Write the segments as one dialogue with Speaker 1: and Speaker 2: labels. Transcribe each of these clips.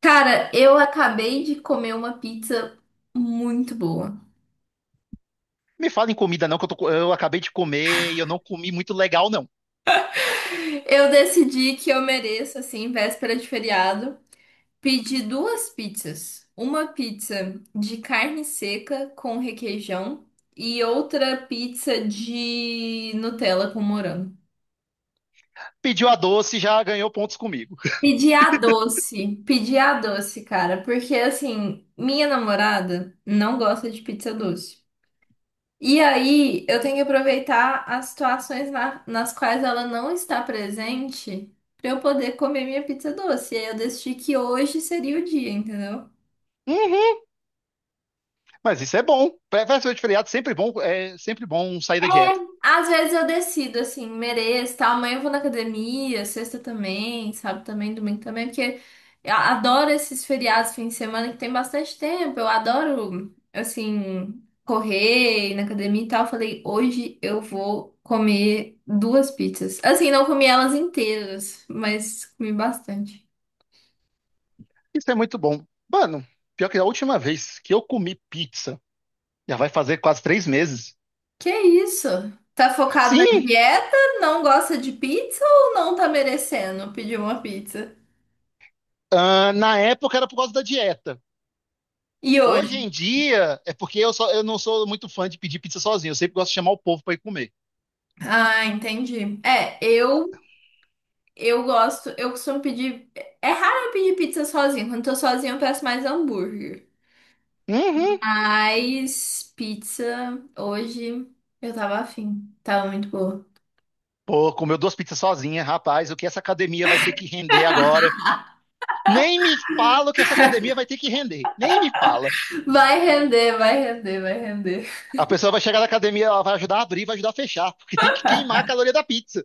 Speaker 1: Cara, eu acabei de comer uma pizza muito boa.
Speaker 2: Me fala em comida não, que eu acabei de comer e eu não comi muito legal, não.
Speaker 1: Eu decidi que eu mereço, assim, véspera de feriado, pedir duas pizzas. Uma pizza de carne seca com requeijão e outra pizza de Nutella com morango.
Speaker 2: Pediu a doce, já ganhou pontos comigo.
Speaker 1: Pedi a doce, cara, porque assim, minha namorada não gosta de pizza doce. E aí, eu tenho que aproveitar as situações nas quais ela não está presente para eu poder comer minha pizza doce. E aí eu decidi que hoje seria o dia, entendeu?
Speaker 2: Uhum, mas isso é bom. Véspera de feriado, sempre bom, é sempre bom sair da dieta.
Speaker 1: Às vezes eu decido, assim, mereço, tal. Amanhã eu vou na academia, sexta também, sábado também, domingo também, porque eu adoro esses feriados, fim de semana, que tem bastante tempo. Eu adoro, assim, correr, ir na academia e tal. Eu falei, hoje eu vou comer duas pizzas. Assim, não comi elas inteiras, mas comi bastante.
Speaker 2: Isso é muito bom. Mano, pior que a última vez que eu comi pizza, já vai fazer quase 3 meses.
Speaker 1: Que isso? Tá focado na
Speaker 2: Sim,
Speaker 1: dieta? Não gosta de pizza ou não tá merecendo pedir uma pizza?
Speaker 2: ah, na época era por causa da dieta.
Speaker 1: E
Speaker 2: Hoje
Speaker 1: hoje?
Speaker 2: em dia é porque eu, só, eu não sou muito fã de pedir pizza sozinho. Eu sempre gosto de chamar o povo pra ir comer.
Speaker 1: Ah, entendi. É, eu gosto, eu costumo pedir. É raro eu pedir pizza sozinha. Quando eu tô sozinha, eu peço mais hambúrguer.
Speaker 2: Uhum.
Speaker 1: Mas pizza hoje eu tava afim. Tava muito boa.
Speaker 2: Pô, comeu duas pizzas sozinha, rapaz. O que essa academia vai ter que render agora? Nem me fala que essa academia vai ter que render. Nem me fala.
Speaker 1: Vai render, vai render, vai render.
Speaker 2: A pessoa vai chegar na academia, ela vai ajudar a abrir, vai ajudar a fechar, porque tem que queimar a caloria da pizza.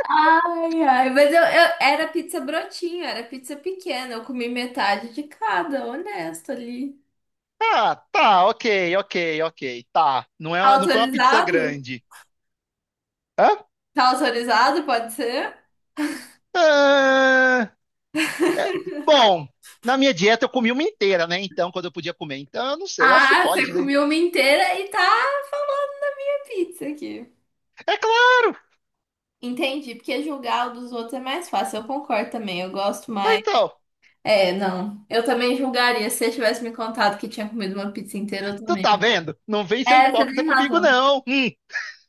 Speaker 1: Ai, ai, mas era pizza brotinho, era pizza pequena. Eu comi metade de cada, honesto ali.
Speaker 2: Ah, tá, ok, ok, ok, tá. Não,
Speaker 1: Tá
Speaker 2: é, não foi uma pizza
Speaker 1: autorizado?
Speaker 2: grande. Hã?
Speaker 1: Tá autorizado? Pode ser?
Speaker 2: Ah, é. Bom, na minha dieta eu comi uma inteira, né? Então, quando eu podia comer. Então, eu não sei, eu acho que
Speaker 1: Ah, você
Speaker 2: pode, né?
Speaker 1: comeu uma inteira e tá falando da minha pizza aqui.
Speaker 2: É claro!
Speaker 1: Entendi, porque julgar o dos outros é mais fácil. Eu concordo também, eu gosto
Speaker 2: Ah,
Speaker 1: mais.
Speaker 2: então,
Speaker 1: É, não. Eu também julgaria. Se você tivesse me contado que tinha comido uma pizza inteira, eu
Speaker 2: tu
Speaker 1: também.
Speaker 2: tá vendo? Não vem ser
Speaker 1: É, você
Speaker 2: hipócrita
Speaker 1: tem
Speaker 2: comigo,
Speaker 1: razão.
Speaker 2: não.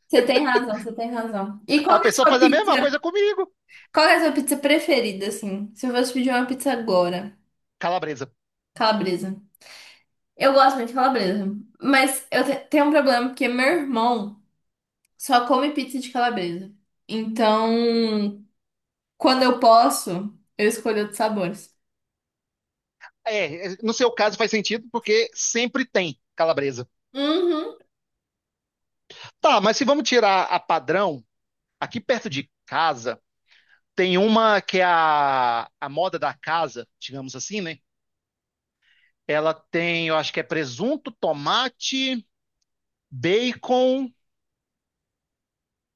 Speaker 1: Você tem razão, você tem razão. E
Speaker 2: A
Speaker 1: qual que é a
Speaker 2: pessoa
Speaker 1: sua
Speaker 2: faz a mesma
Speaker 1: pizza?
Speaker 2: coisa comigo.
Speaker 1: Qual que é a sua pizza preferida, assim? Se eu fosse pedir uma pizza agora,
Speaker 2: Calabresa.
Speaker 1: calabresa. Eu gosto muito de calabresa, mas eu tenho um problema porque meu irmão. Só come pizza de calabresa. Então, quando eu posso, eu escolho outros sabores.
Speaker 2: É, no seu caso faz sentido porque sempre tem calabresa.
Speaker 1: Uhum.
Speaker 2: Tá, mas se vamos tirar a padrão, aqui perto de casa tem uma que é a moda da casa, digamos assim, né? Ela tem, eu acho que é presunto, tomate, bacon.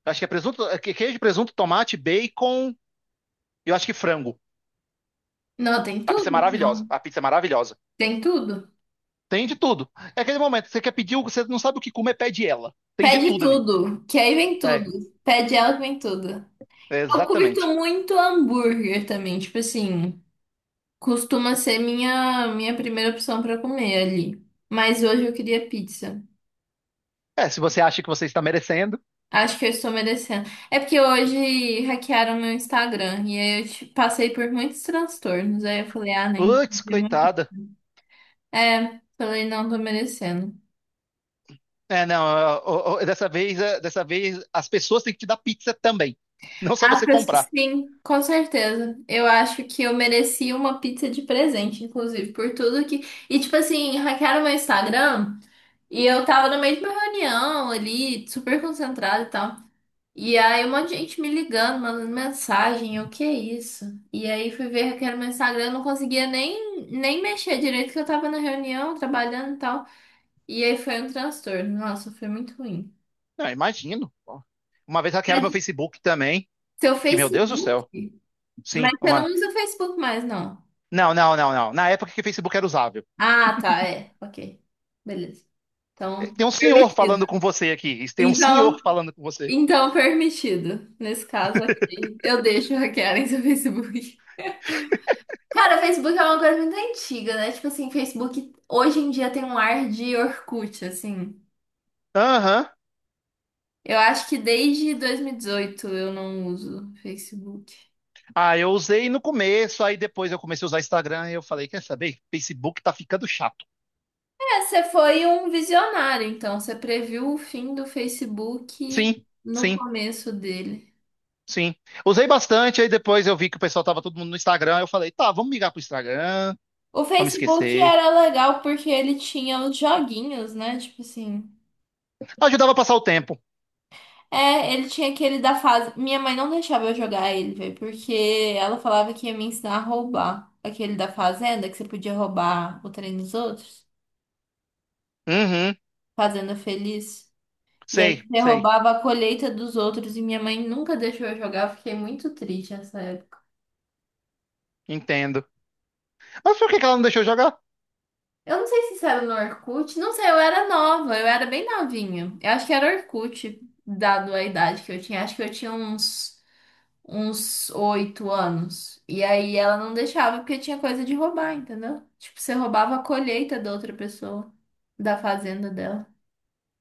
Speaker 2: Acho que é presunto, é queijo, presunto, tomate, bacon. Eu acho que frango.
Speaker 1: Não, tem
Speaker 2: A pizza
Speaker 1: tudo.
Speaker 2: é maravilhosa. A pizza é maravilhosa.
Speaker 1: Tem tudo.
Speaker 2: Tem de tudo. É aquele momento, você quer pedir, você não sabe o que comer, pede ela. Tem de
Speaker 1: Pede
Speaker 2: tudo ali.
Speaker 1: tudo, que aí vem tudo.
Speaker 2: É,
Speaker 1: Pede ela que vem tudo. Eu curto
Speaker 2: exatamente.
Speaker 1: muito hambúrguer também, tipo assim, costuma ser minha primeira opção pra comer ali. Mas hoje eu queria pizza.
Speaker 2: É, se você acha que você está merecendo.
Speaker 1: Acho que eu estou merecendo. É porque hoje hackearam meu Instagram e aí eu passei por muitos transtornos. Aí eu falei, ah, nem.
Speaker 2: Putz, coitada.
Speaker 1: É, também não tô merecendo.
Speaker 2: É, não, ó, ó, ó, dessa vez, é, dessa vez as pessoas têm que te dar pizza também, não só
Speaker 1: As
Speaker 2: você
Speaker 1: pessoas,
Speaker 2: comprar.
Speaker 1: sim, com certeza. Eu acho que eu mereci uma pizza de presente, inclusive, por tudo que. E, tipo assim, hackearam meu Instagram e eu tava no meio de uma reunião ali, super concentrada e tal. E aí, um monte de gente me ligando, mandando mensagem, eu, que isso? E aí, fui ver hackearam meu Instagram, eu não conseguia nem mexer direito, que eu tava na reunião, trabalhando e tal. E aí, foi um transtorno. Nossa, foi muito ruim.
Speaker 2: Não, imagino. Uma vez hackearam
Speaker 1: Pra-
Speaker 2: meu Facebook também,
Speaker 1: Seu
Speaker 2: que meu Deus do
Speaker 1: Facebook.
Speaker 2: céu.
Speaker 1: Mas
Speaker 2: Sim,
Speaker 1: você não
Speaker 2: uma.
Speaker 1: usa o Facebook mais, não.
Speaker 2: Não, não, não, não. Na época que o Facebook era usável.
Speaker 1: Ah, tá, é. Ok. Beleza. Então,
Speaker 2: Tem um senhor falando
Speaker 1: permitido.
Speaker 2: com você aqui. Tem um
Speaker 1: Então,
Speaker 2: senhor falando com você.
Speaker 1: então, permitido. Nesse caso aqui, eu deixo hackearem seu Facebook. Cara, o Facebook é uma coisa muito antiga, né? Tipo assim, Facebook hoje em dia tem um ar de Orkut, assim.
Speaker 2: Aham.
Speaker 1: Eu acho que desde 2018 eu não uso Facebook.
Speaker 2: Ah, eu usei no começo, aí depois eu comecei a usar Instagram e eu falei, quer saber? Facebook tá ficando chato.
Speaker 1: É, você foi um visionário, então. Você previu o fim do Facebook
Speaker 2: Sim,
Speaker 1: no
Speaker 2: sim.
Speaker 1: começo dele.
Speaker 2: Sim. Usei bastante, aí depois eu vi que o pessoal tava todo mundo no Instagram. Eu falei, tá, vamos migrar pro Instagram,
Speaker 1: O
Speaker 2: vamos
Speaker 1: Facebook
Speaker 2: esquecer.
Speaker 1: era legal porque ele tinha os joguinhos, né? Tipo assim.
Speaker 2: Ajudava a passar o tempo.
Speaker 1: É, ele tinha aquele da fase. Minha mãe não deixava eu jogar ele, velho, porque ela falava que ia me ensinar a roubar. Aquele da fazenda, que você podia roubar o trem dos outros.
Speaker 2: Uhum,
Speaker 1: Fazenda Feliz. E
Speaker 2: sei,
Speaker 1: aí você
Speaker 2: sei,
Speaker 1: roubava a colheita dos outros e minha mãe nunca deixou eu jogar. Eu fiquei muito triste nessa época.
Speaker 2: entendo. Mas por que que ela não deixou jogar?
Speaker 1: Eu não sei se isso era no Orkut, não sei, eu era nova, eu era bem novinha. Eu acho que era Orkut, dado a idade que eu tinha. Acho que eu tinha uns 8 anos. E aí ela não deixava porque tinha coisa de roubar, entendeu? Tipo, você roubava a colheita da outra pessoa, da fazenda dela.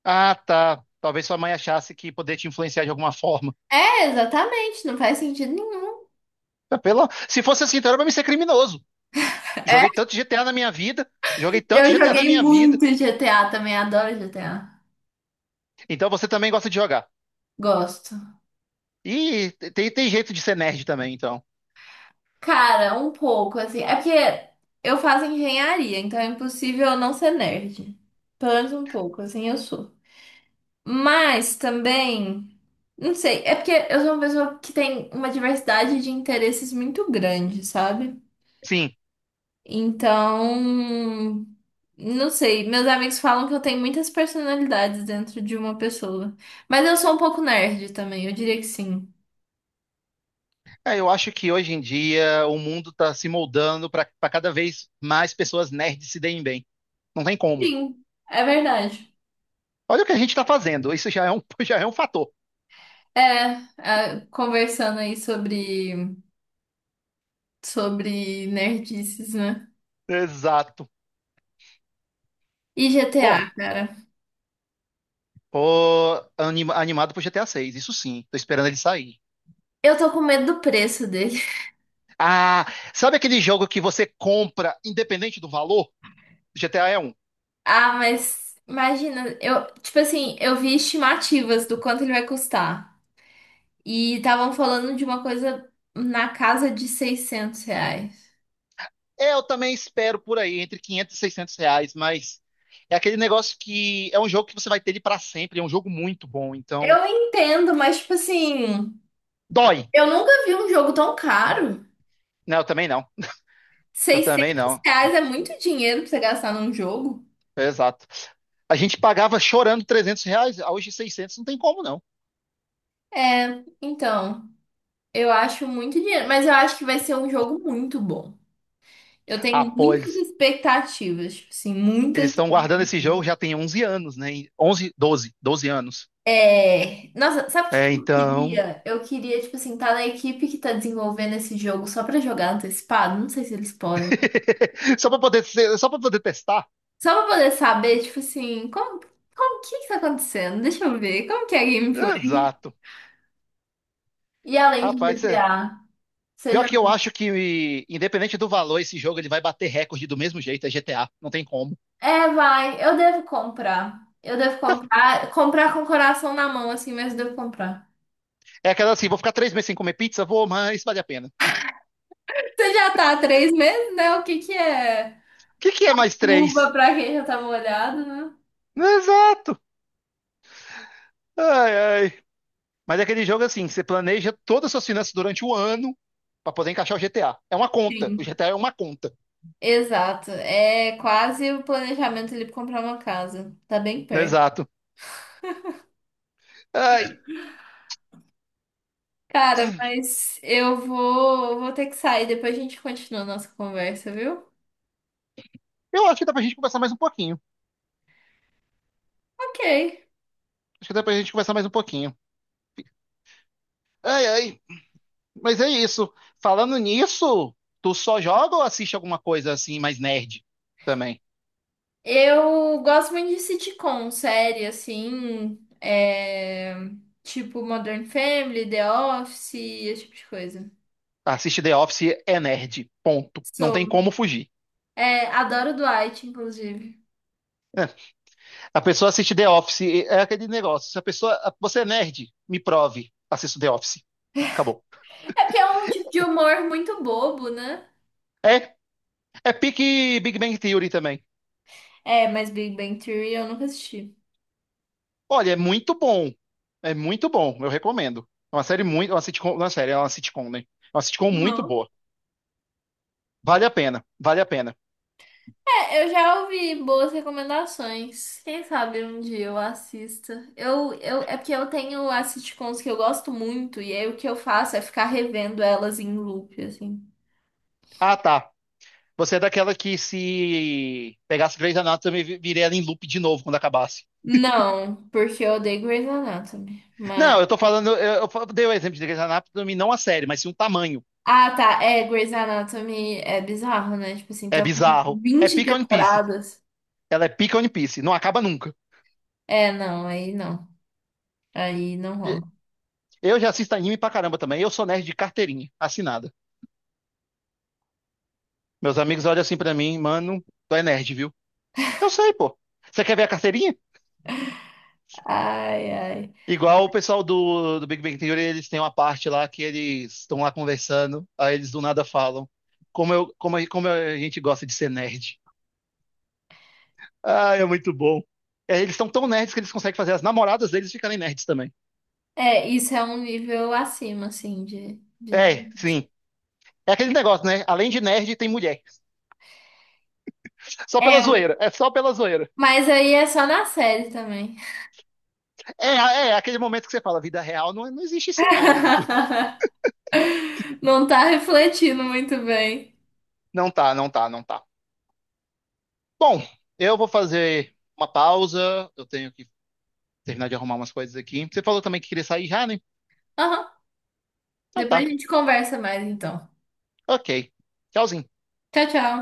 Speaker 2: Ah, tá. Talvez sua mãe achasse que poder te influenciar de alguma forma.
Speaker 1: É, exatamente, não faz sentido nenhum.
Speaker 2: Ah, Se fosse assim, então era pra mim ser criminoso.
Speaker 1: É,
Speaker 2: Joguei tanto GTA na minha vida, joguei tanto
Speaker 1: eu
Speaker 2: GTA na
Speaker 1: joguei
Speaker 2: minha vida.
Speaker 1: muito GTA também, adoro GTA.
Speaker 2: Então você também gosta de jogar.
Speaker 1: Gosto.
Speaker 2: E tem jeito de ser nerd também, então.
Speaker 1: Cara, um pouco, assim. É porque eu faço engenharia, então é impossível eu não ser nerd. Pelo menos um pouco, assim eu sou. Mas também, não sei, é porque eu sou uma pessoa que tem uma diversidade de interesses muito grande, sabe?
Speaker 2: Sim,
Speaker 1: Então, não sei, meus amigos falam que eu tenho muitas personalidades dentro de uma pessoa. Mas eu sou um pouco nerd também, eu diria que sim.
Speaker 2: é, eu acho que hoje em dia o mundo está se moldando para cada vez mais pessoas nerds se deem bem. Não tem como.
Speaker 1: Sim, é verdade.
Speaker 2: Olha o que a gente está fazendo. Isso já é um fator.
Speaker 1: É, é, conversando aí sobre nerdices, né?
Speaker 2: Exato.
Speaker 1: E
Speaker 2: Bom,
Speaker 1: GTA, cara.
Speaker 2: tô animado pro GTA 6, isso sim. Tô esperando ele sair.
Speaker 1: Eu tô com medo do preço.
Speaker 2: Ah, sabe aquele jogo que você compra independente do valor? GTA é um.
Speaker 1: Ah, mas imagina, eu, tipo assim, eu vi estimativas do quanto ele vai custar. E estavam falando de uma coisa na casa de 600 reais.
Speaker 2: Eu também espero por aí, entre 500 e 600 reais, mas é aquele negócio que é um jogo que você vai ter ele para sempre. É um jogo muito bom, então
Speaker 1: Eu entendo, mas tipo assim,
Speaker 2: dói.
Speaker 1: eu nunca vi um jogo tão caro.
Speaker 2: Não, eu também não. Eu também
Speaker 1: 600
Speaker 2: não.
Speaker 1: reais é muito dinheiro pra você gastar num jogo.
Speaker 2: Exato. A gente pagava chorando R$ 300, ah, hoje 600, não tem como não.
Speaker 1: É, então, eu acho muito dinheiro, mas eu acho que vai ser um jogo muito bom. Eu
Speaker 2: Ah,
Speaker 1: tenho
Speaker 2: pô,
Speaker 1: muitas
Speaker 2: eles
Speaker 1: expectativas, tipo assim,
Speaker 2: eles
Speaker 1: muitas.
Speaker 2: estão guardando esse jogo já tem 11 anos, né? 11, 12, 12 anos.
Speaker 1: É, nossa, sabe o que
Speaker 2: É,
Speaker 1: que eu
Speaker 2: então,
Speaker 1: queria? Eu queria, tipo assim, tá na equipe que tá desenvolvendo esse jogo só pra jogar antecipado. Não sei se eles podem.
Speaker 2: só para poder testar.
Speaker 1: Só pra poder saber, tipo assim, como que tá acontecendo? Deixa eu ver, como que é a gameplay?
Speaker 2: Exato.
Speaker 1: E além de
Speaker 2: Rapaz,
Speaker 1: GTA.
Speaker 2: pior
Speaker 1: seja...
Speaker 2: que eu acho que independente do valor, esse jogo ele vai bater recorde do mesmo jeito, é GTA, não tem como.
Speaker 1: É, vai, eu devo comprar. Eu devo comprar, comprar com o coração na mão, assim, mas eu devo comprar.
Speaker 2: É aquela assim, vou ficar 3 meses sem comer pizza, vou, mas vale a pena.
Speaker 1: Você já tá há 3 meses, né? O que que é
Speaker 2: O que que é mais
Speaker 1: luva
Speaker 2: três?
Speaker 1: pra quem já tá molhado, né?
Speaker 2: Exato. Ai, ai. Mas é aquele jogo assim, que você planeja todas as suas finanças durante o ano para poder encaixar o GTA. É uma conta. O
Speaker 1: Sim.
Speaker 2: GTA é uma conta.
Speaker 1: Exato. É quase o planejamento ali pra comprar uma casa. Tá bem perto.
Speaker 2: Exato. Ai,
Speaker 1: Cara, mas eu vou ter que sair. Depois a gente continua a nossa conversa, viu?
Speaker 2: eu acho que dá pra gente conversar mais um pouquinho.
Speaker 1: Ok.
Speaker 2: Acho que dá pra gente conversar mais um pouquinho. Ai, ai. Mas é isso. Falando nisso, tu só joga ou assiste alguma coisa assim mais nerd também?
Speaker 1: Eu gosto muito de sitcom, série, assim. É, tipo Modern Family, The Office, esse tipo de coisa.
Speaker 2: Assiste The Office é nerd. Ponto. Não tem
Speaker 1: Sou.
Speaker 2: como fugir.
Speaker 1: É, adoro Dwight, inclusive.
Speaker 2: A pessoa assiste The Office, é aquele negócio. Se a pessoa. Você é nerd? Me prove. Assisto The Office. Acabou.
Speaker 1: É porque é um tipo de humor muito bobo, né?
Speaker 2: É, é pique Big Bang Theory também.
Speaker 1: É, mas Big Bang Theory eu nunca assisti.
Speaker 2: Olha, é muito bom. É muito bom, eu recomendo. É uma série muito. Uma sitcom, não é série, é uma sitcom, né? É uma sitcom muito boa. Vale a pena, vale a pena.
Speaker 1: É, eu já ouvi boas recomendações. Quem sabe um dia eu assista. É porque eu tenho as sitcoms que eu gosto muito, e aí o que eu faço é ficar revendo elas em loop, assim.
Speaker 2: Ah, tá. Você é daquela que se pegasse Grey's Anatomy, viria ela em loop de novo quando acabasse.
Speaker 1: Não, porque eu odeio Grey's Anatomy. Mas.
Speaker 2: Não, eu tô falando. Eu dei o exemplo de Grey's Anatomy, não a série, mas sim o tamanho.
Speaker 1: Ah, tá. É, Grey's Anatomy é bizarro, né? Tipo assim,
Speaker 2: É
Speaker 1: tá com
Speaker 2: bizarro. É
Speaker 1: 20
Speaker 2: pica One Piece.
Speaker 1: temporadas.
Speaker 2: Ela é pica One Piece. Não acaba nunca.
Speaker 1: É, não, aí não. Aí não
Speaker 2: E-
Speaker 1: rola.
Speaker 2: Eu já assisto anime pra caramba também. Eu sou nerd de carteirinha, assinada. Meus amigos olham assim pra mim, mano, tu é nerd, viu? Eu sei, pô. Você quer ver a carteirinha?
Speaker 1: Ai, ai.
Speaker 2: Igual o pessoal do Big Bang Theory, eles têm uma parte lá que eles estão lá conversando, aí eles do nada falam. Como, eu, como, como a gente gosta de ser nerd. Ah, é muito bom. É, eles são tão nerds que eles conseguem fazer as namoradas deles ficarem nerds também.
Speaker 1: É, isso é um nível acima, assim, de, né?
Speaker 2: É, sim. É aquele negócio, né? Além de nerd, tem mulher. Só pela
Speaker 1: É,
Speaker 2: zoeira. É só pela zoeira.
Speaker 1: mas aí é só na série também.
Speaker 2: É, é aquele momento que você fala, vida real, não, não existe isso não, amigo.
Speaker 1: Não tá refletindo muito bem.
Speaker 2: Não tá, não tá, não tá. Bom, eu vou fazer uma pausa. Eu tenho que terminar de arrumar umas coisas aqui. Você falou também que queria sair já, né?
Speaker 1: Aham.
Speaker 2: Então
Speaker 1: Depois a
Speaker 2: tá.
Speaker 1: gente conversa mais, então.
Speaker 2: Ok. Tchauzinho.
Speaker 1: Tchau, tchau.